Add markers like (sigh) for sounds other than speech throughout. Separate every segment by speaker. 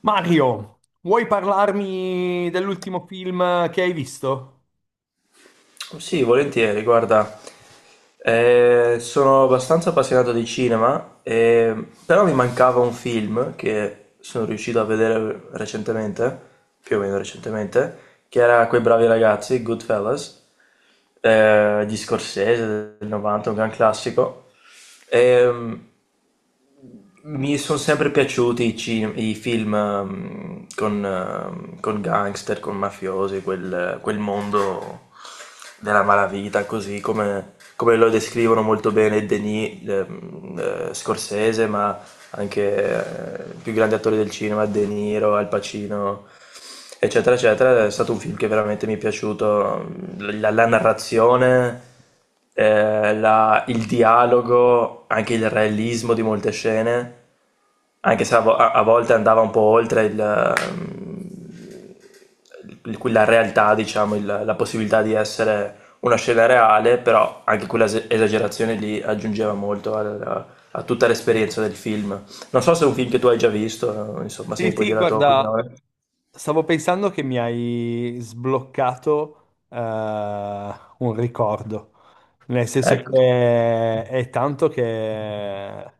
Speaker 1: Mario, vuoi parlarmi dell'ultimo film che hai visto?
Speaker 2: Sì, volentieri, guarda, sono abbastanza appassionato di cinema, però mi mancava un film che sono riuscito a vedere recentemente, più o meno recentemente, che era Quei bravi ragazzi, Goodfellas, di Scorsese del 90, un gran classico. Ehm, mi sono sempre piaciuti i film con gangster, con mafiosi, quel mondo della malavita, così come lo descrivono molto bene Denis, Scorsese, ma anche i più grandi attori del cinema, De Niro, Al Pacino, eccetera, eccetera. È stato un film che veramente mi è piaciuto, la narrazione, il dialogo, anche il realismo di molte scene, anche se a volte andava un po' oltre la realtà, diciamo, la possibilità di essere una scena reale, però anche quella esagerazione lì aggiungeva molto a tutta l'esperienza del film. Non so se è un film che tu hai già visto, insomma, se
Speaker 1: Sì,
Speaker 2: mi puoi
Speaker 1: sì,
Speaker 2: dire la tua
Speaker 1: guarda.
Speaker 2: opinione.
Speaker 1: Stavo pensando che mi hai sbloccato eh, un ricordo, nel senso
Speaker 2: Ecco,
Speaker 1: che è tanto che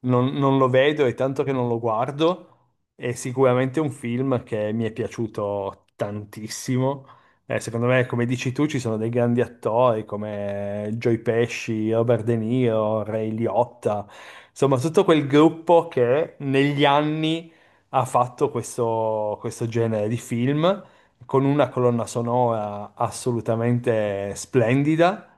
Speaker 1: non lo vedo, è tanto che non lo guardo, è sicuramente un film che mi è piaciuto tantissimo. Secondo me, come dici tu, ci sono dei grandi attori come Joe Pesci, Robert De Niro, Ray Liotta, insomma tutto quel gruppo che negli anni ha fatto questo genere di film con una colonna sonora assolutamente splendida.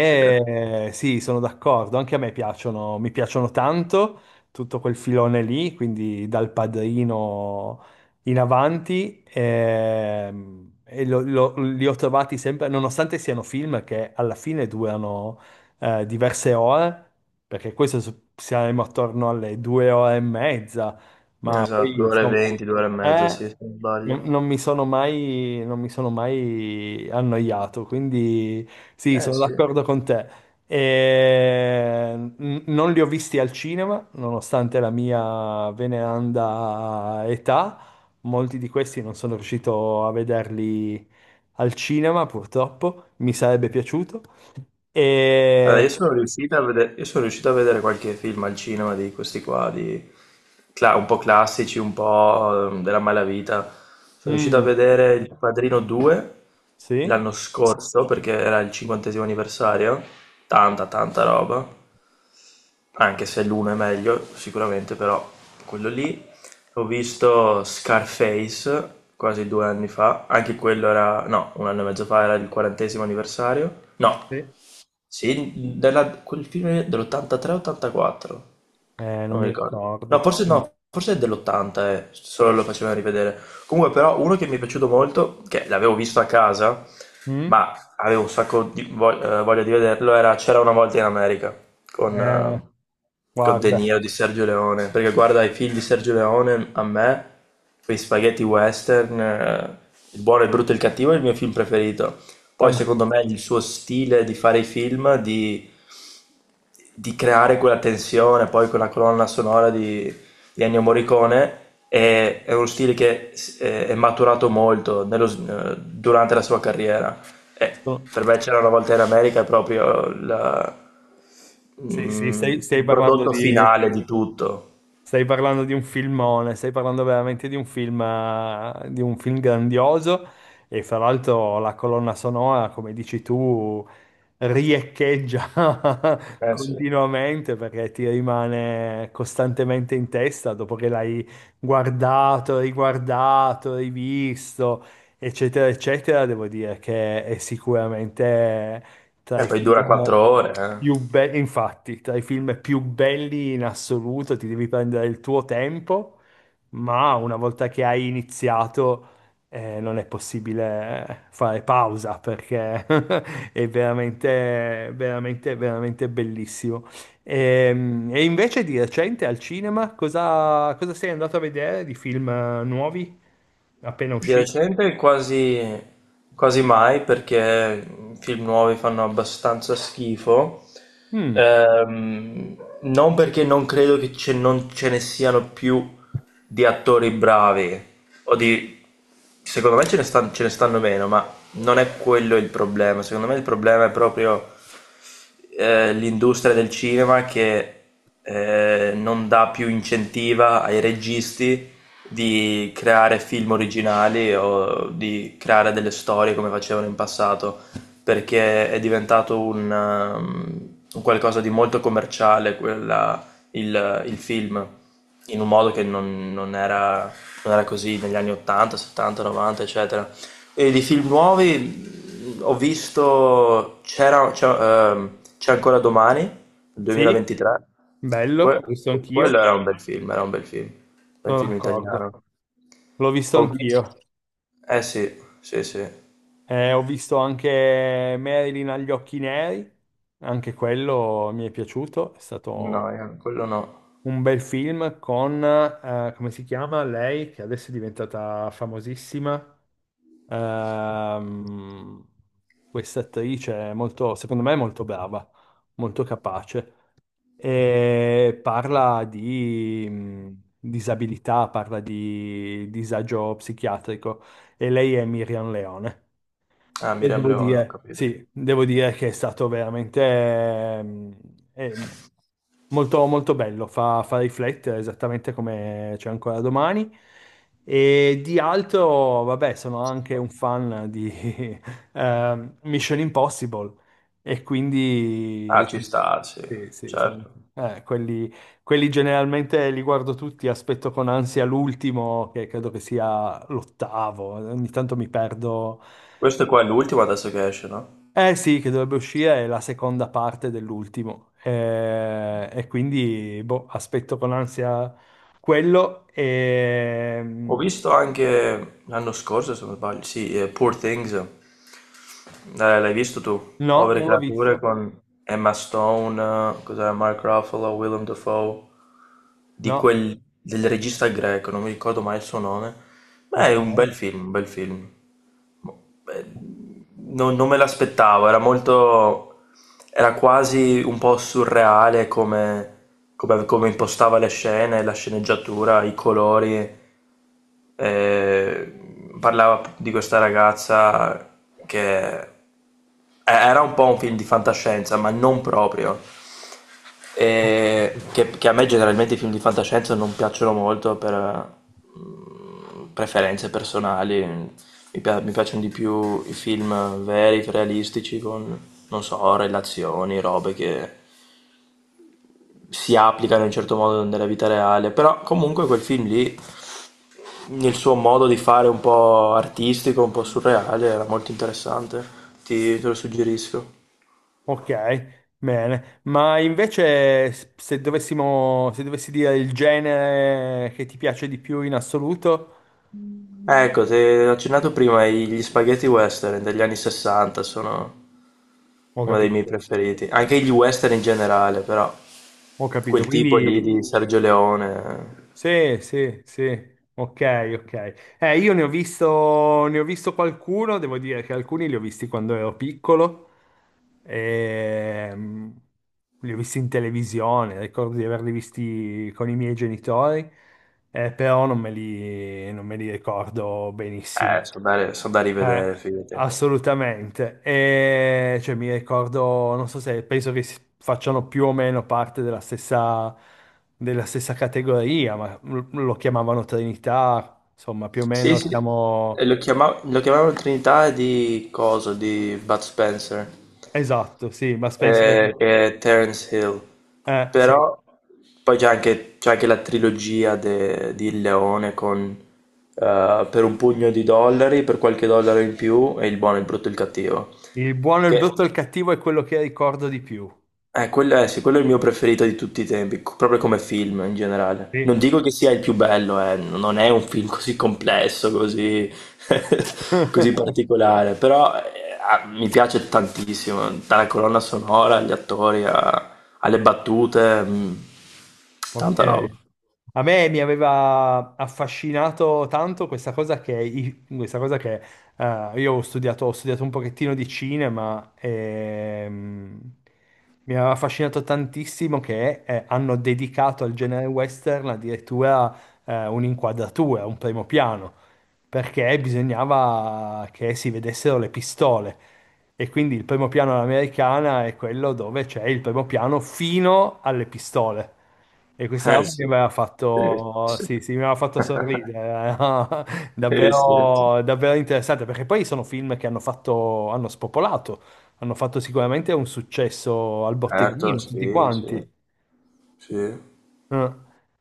Speaker 2: sì.
Speaker 1: sì, sono d'accordo, anche a me piacciono, mi piacciono tanto tutto quel filone lì, quindi dal Padrino in avanti, e, li ho trovati sempre, nonostante siano film che alla fine durano diverse ore, perché questo siamo attorno alle due ore e mezza, ma
Speaker 2: Esatto,
Speaker 1: poi
Speaker 2: due ore e
Speaker 1: insomma,
Speaker 2: venti, 2 ore e mezza, sì,
Speaker 1: eh,
Speaker 2: se non sbaglio.
Speaker 1: non mi sono mai, non mi sono mai annoiato, quindi sì,
Speaker 2: Eh
Speaker 1: sono
Speaker 2: sì.
Speaker 1: d'accordo con te. E, non li ho visti al cinema, nonostante la mia veneranda età, molti di questi non sono riuscito a vederli al cinema, purtroppo, mi sarebbe piaciuto.
Speaker 2: Allora,
Speaker 1: E...
Speaker 2: io sono riuscito a vedere, qualche film al cinema di questi qua, un po' classici, un po' della malavita. Sono riuscito a
Speaker 1: mm,
Speaker 2: vedere Il Padrino 2
Speaker 1: sì?
Speaker 2: l'anno scorso perché era il 50° anniversario, tanta tanta roba, anche se l'uno è meglio sicuramente, però quello lì. Ho visto Scarface quasi 2 anni fa, anche quello era, no, un anno e mezzo fa era il 40° anniversario, no.
Speaker 1: Sì.
Speaker 2: Sì, quel film dell'83-84.
Speaker 1: Non
Speaker 2: Non mi
Speaker 1: mi
Speaker 2: ricordo. No,
Speaker 1: ricordo.
Speaker 2: forse
Speaker 1: Mm?
Speaker 2: no, forse è dell'80, solo lo facevano rivedere. Comunque, però, uno che mi è piaciuto molto, che l'avevo visto a casa,
Speaker 1: Mm.
Speaker 2: ma avevo un sacco di voglia di vederlo, era C'era una volta in America con,
Speaker 1: Eh,
Speaker 2: eh, con De
Speaker 1: Guarda.
Speaker 2: Niro di Sergio Leone. Perché guarda i film di Sergio Leone, a me, quei spaghetti western, Il buono, il brutto e il cattivo è il mio film preferito. Poi,
Speaker 1: tan-
Speaker 2: secondo me, il suo stile di fare i film, di creare quella tensione, poi quella colonna sonora di Ennio Morricone è uno stile che è maturato molto durante la sua carriera. E
Speaker 1: sto-
Speaker 2: per me c'era una volta in America è proprio
Speaker 1: sì, sì,
Speaker 2: mm,
Speaker 1: stai
Speaker 2: il
Speaker 1: parlando
Speaker 2: prodotto
Speaker 1: di,
Speaker 2: finale di tutto.
Speaker 1: stai parlando di un filmone, stai parlando veramente di un film grandioso e fra l'altro la colonna sonora, come dici tu, riecheggia (laughs)
Speaker 2: Eh sì.
Speaker 1: continuamente perché ti rimane costantemente in testa dopo che l'hai guardato, riguardato, rivisto, eccetera, eccetera. Devo dire che è sicuramente tra
Speaker 2: E
Speaker 1: i
Speaker 2: poi dura
Speaker 1: film.
Speaker 2: 4 ore. Eh.
Speaker 1: Più infatti, tra i film più belli in assoluto, ti devi prendere il tuo tempo, ma una volta che hai iniziato, non è possibile fare pausa perché (laughs) è veramente, veramente, veramente bellissimo. E, invece di recente al cinema, cosa sei andato a vedere di film nuovi appena
Speaker 2: Di
Speaker 1: usciti?
Speaker 2: recente quasi, quasi mai perché i film nuovi fanno abbastanza schifo.
Speaker 1: Mm,
Speaker 2: Non perché non credo che non ce ne siano più di attori bravi, o di... secondo me ce ne stanno meno, ma non è quello il problema, secondo me il problema è proprio l'industria del cinema che non dà più incentiva ai registi di creare film originali o di creare delle storie come facevano in passato, perché è diventato un qualcosa di molto commerciale il film in un modo che non era, così negli anni 80, 70, 90, eccetera. E di film nuovi ho visto C'è ancora domani,
Speaker 1: sì,
Speaker 2: 2023.
Speaker 1: bello,
Speaker 2: Que-
Speaker 1: l'ho visto
Speaker 2: Quello
Speaker 1: anch'io,
Speaker 2: era un bel film, era un bel
Speaker 1: sono
Speaker 2: film
Speaker 1: d'accordo,
Speaker 2: italiano.
Speaker 1: l'ho visto
Speaker 2: Ho visto...
Speaker 1: anch'io.
Speaker 2: Eh sì, sì, sì.
Speaker 1: Ho visto anche Marilyn agli occhi neri, anche quello mi è piaciuto, è
Speaker 2: No,
Speaker 1: stato
Speaker 2: quello no.
Speaker 1: un bel film con, come si chiama lei, che adesso è diventata famosissima. Ehm, Questa attrice è molto, secondo me è molto brava, molto capace, e parla di disabilità, parla di disagio psichiatrico e lei è Miriam Leone.
Speaker 2: Ah,
Speaker 1: E
Speaker 2: Miriam
Speaker 1: devo
Speaker 2: Leone, ho
Speaker 1: dire,
Speaker 2: capito.
Speaker 1: sì, devo dire che è stato veramente eh, molto, molto bello, fa, fa riflettere esattamente come c'è ancora domani. E di altro, vabbè, sono anche un fan di (laughs) Mission Impossible e
Speaker 2: Ah,
Speaker 1: quindi
Speaker 2: ci sta, sì,
Speaker 1: sì, sì,
Speaker 2: certo.
Speaker 1: quelli, quelli generalmente li guardo tutti, aspetto con ansia l'ultimo, che credo che sia l'ottavo, ogni tanto mi perdo.
Speaker 2: Questo qua è l'ultimo adesso che esce, no?
Speaker 1: Eh sì, che dovrebbe uscire è la seconda parte dell'ultimo. E quindi boh, aspetto con ansia quello. E...
Speaker 2: Ho
Speaker 1: mm,
Speaker 2: visto anche l'anno scorso, se non sbaglio, sì, Poor Things. L'hai visto tu?
Speaker 1: no,
Speaker 2: Povere
Speaker 1: non l'ho visto.
Speaker 2: creature con Emma Stone, cos'era Mark Ruffalo, Willem Dafoe,
Speaker 1: No.
Speaker 2: del regista greco, non mi ricordo mai il suo nome. Beh,
Speaker 1: Ok.
Speaker 2: è un bel film, un bel film. Beh, non me l'aspettavo, era quasi un po' surreale come impostava le scene, la sceneggiatura, i colori. Parlava di questa ragazza che era un po' un film di fantascienza, ma non proprio. E che a me generalmente i film di fantascienza non piacciono molto per preferenze personali. Mi piacciono di più i film veri, realistici, con, non so, relazioni, robe che si applicano in un certo modo nella vita reale. Però comunque quel film lì il suo modo di fare un po' artistico, un po' surreale, era molto interessante. Te lo suggerisco.
Speaker 1: Ok, bene. Ma invece se dovessimo, se dovessi dire il genere che ti piace di più in assoluto,
Speaker 2: Ecco, ti ho accennato prima gli spaghetti western degli anni 60 sono
Speaker 1: ho
Speaker 2: uno dei miei
Speaker 1: capito.
Speaker 2: preferiti. Anche gli western in generale, però
Speaker 1: Ho capito.
Speaker 2: quel tipo
Speaker 1: Quindi
Speaker 2: lì di Sergio Leone,
Speaker 1: sì, sì, sì, ok, ok. Io ne ho visto qualcuno, devo dire che alcuni li ho visti quando ero piccolo, ehm, li ho visti in televisione, ricordo di averli visti con i miei genitori, però non me li ricordo benissimo.
Speaker 2: sono da
Speaker 1: Eh,
Speaker 2: rivedere, fidati.
Speaker 1: assolutamente. E, cioè, mi ricordo, non so se penso che facciano più o meno parte della stessa categoria, ma lo chiamavano Trinità, insomma, più o
Speaker 2: Sì,
Speaker 1: meno
Speaker 2: sì. E
Speaker 1: siamo...
Speaker 2: lo chiamavano Trinità di cosa? Di Bud Spencer.
Speaker 1: Esatto, sì, ma penso...
Speaker 2: Che è Terence Hill,
Speaker 1: sì.
Speaker 2: però poi c'è anche la trilogia di Il Leone con Per un pugno di dollari, per qualche dollaro in più e Il buono, il brutto e il cattivo,
Speaker 1: Il buono, il
Speaker 2: che
Speaker 1: brutto e il cattivo è quello che ricordo di più.
Speaker 2: sì, quello è il mio preferito di tutti i tempi, proprio come film in generale. Non
Speaker 1: Sì.
Speaker 2: dico che sia il più bello, non è un film così complesso, così, (laughs) così
Speaker 1: (laughs)
Speaker 2: particolare, però mi piace tantissimo, dalla colonna sonora, agli attori, alle battute,
Speaker 1: Ok.
Speaker 2: tanta roba.
Speaker 1: A me mi aveva affascinato tanto questa cosa che, questa cosa che io ho studiato un pochettino di cinema e mi aveva affascinato tantissimo che hanno dedicato al genere western addirittura un'inquadratura, un primo piano, perché bisognava che si vedessero le pistole. E quindi il primo piano all'americana è quello dove c'è il primo piano fino alle pistole. E questa
Speaker 2: Eh
Speaker 1: roba che
Speaker 2: sì,
Speaker 1: mi aveva
Speaker 2: sì,
Speaker 1: fatto,
Speaker 2: sì.
Speaker 1: sì, sì, mi aveva
Speaker 2: (laughs)
Speaker 1: fatto sorridere, (laughs) no?
Speaker 2: Sì, sì, sì.
Speaker 1: Davvero, davvero interessante, perché poi sono film che hanno fatto, hanno spopolato, hanno fatto sicuramente un successo al
Speaker 2: Certo,
Speaker 1: botteghino, tutti
Speaker 2: sì, sì,
Speaker 1: quanti.
Speaker 2: sì.
Speaker 1: Eh.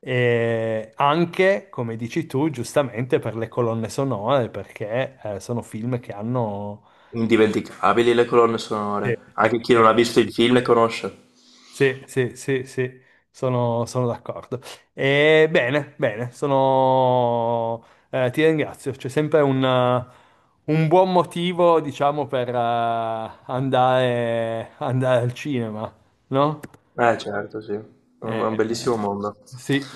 Speaker 1: E anche, come dici tu, giustamente per le colonne sonore, perché sono film che hanno...
Speaker 2: Indimenticabili le colonne
Speaker 1: Sì.
Speaker 2: sonore, anche chi non
Speaker 1: Sì.
Speaker 2: ha visto il film le conosce.
Speaker 1: Sì, sì, sì, sì, sono, sono d'accordo. E bene, bene, sono... ti ringrazio. C'è sempre un buon motivo, diciamo, per andare, andare al cinema, no?
Speaker 2: Eh certo, sì, è un, è
Speaker 1: Eh,
Speaker 2: un bellissimo mondo.
Speaker 1: sì,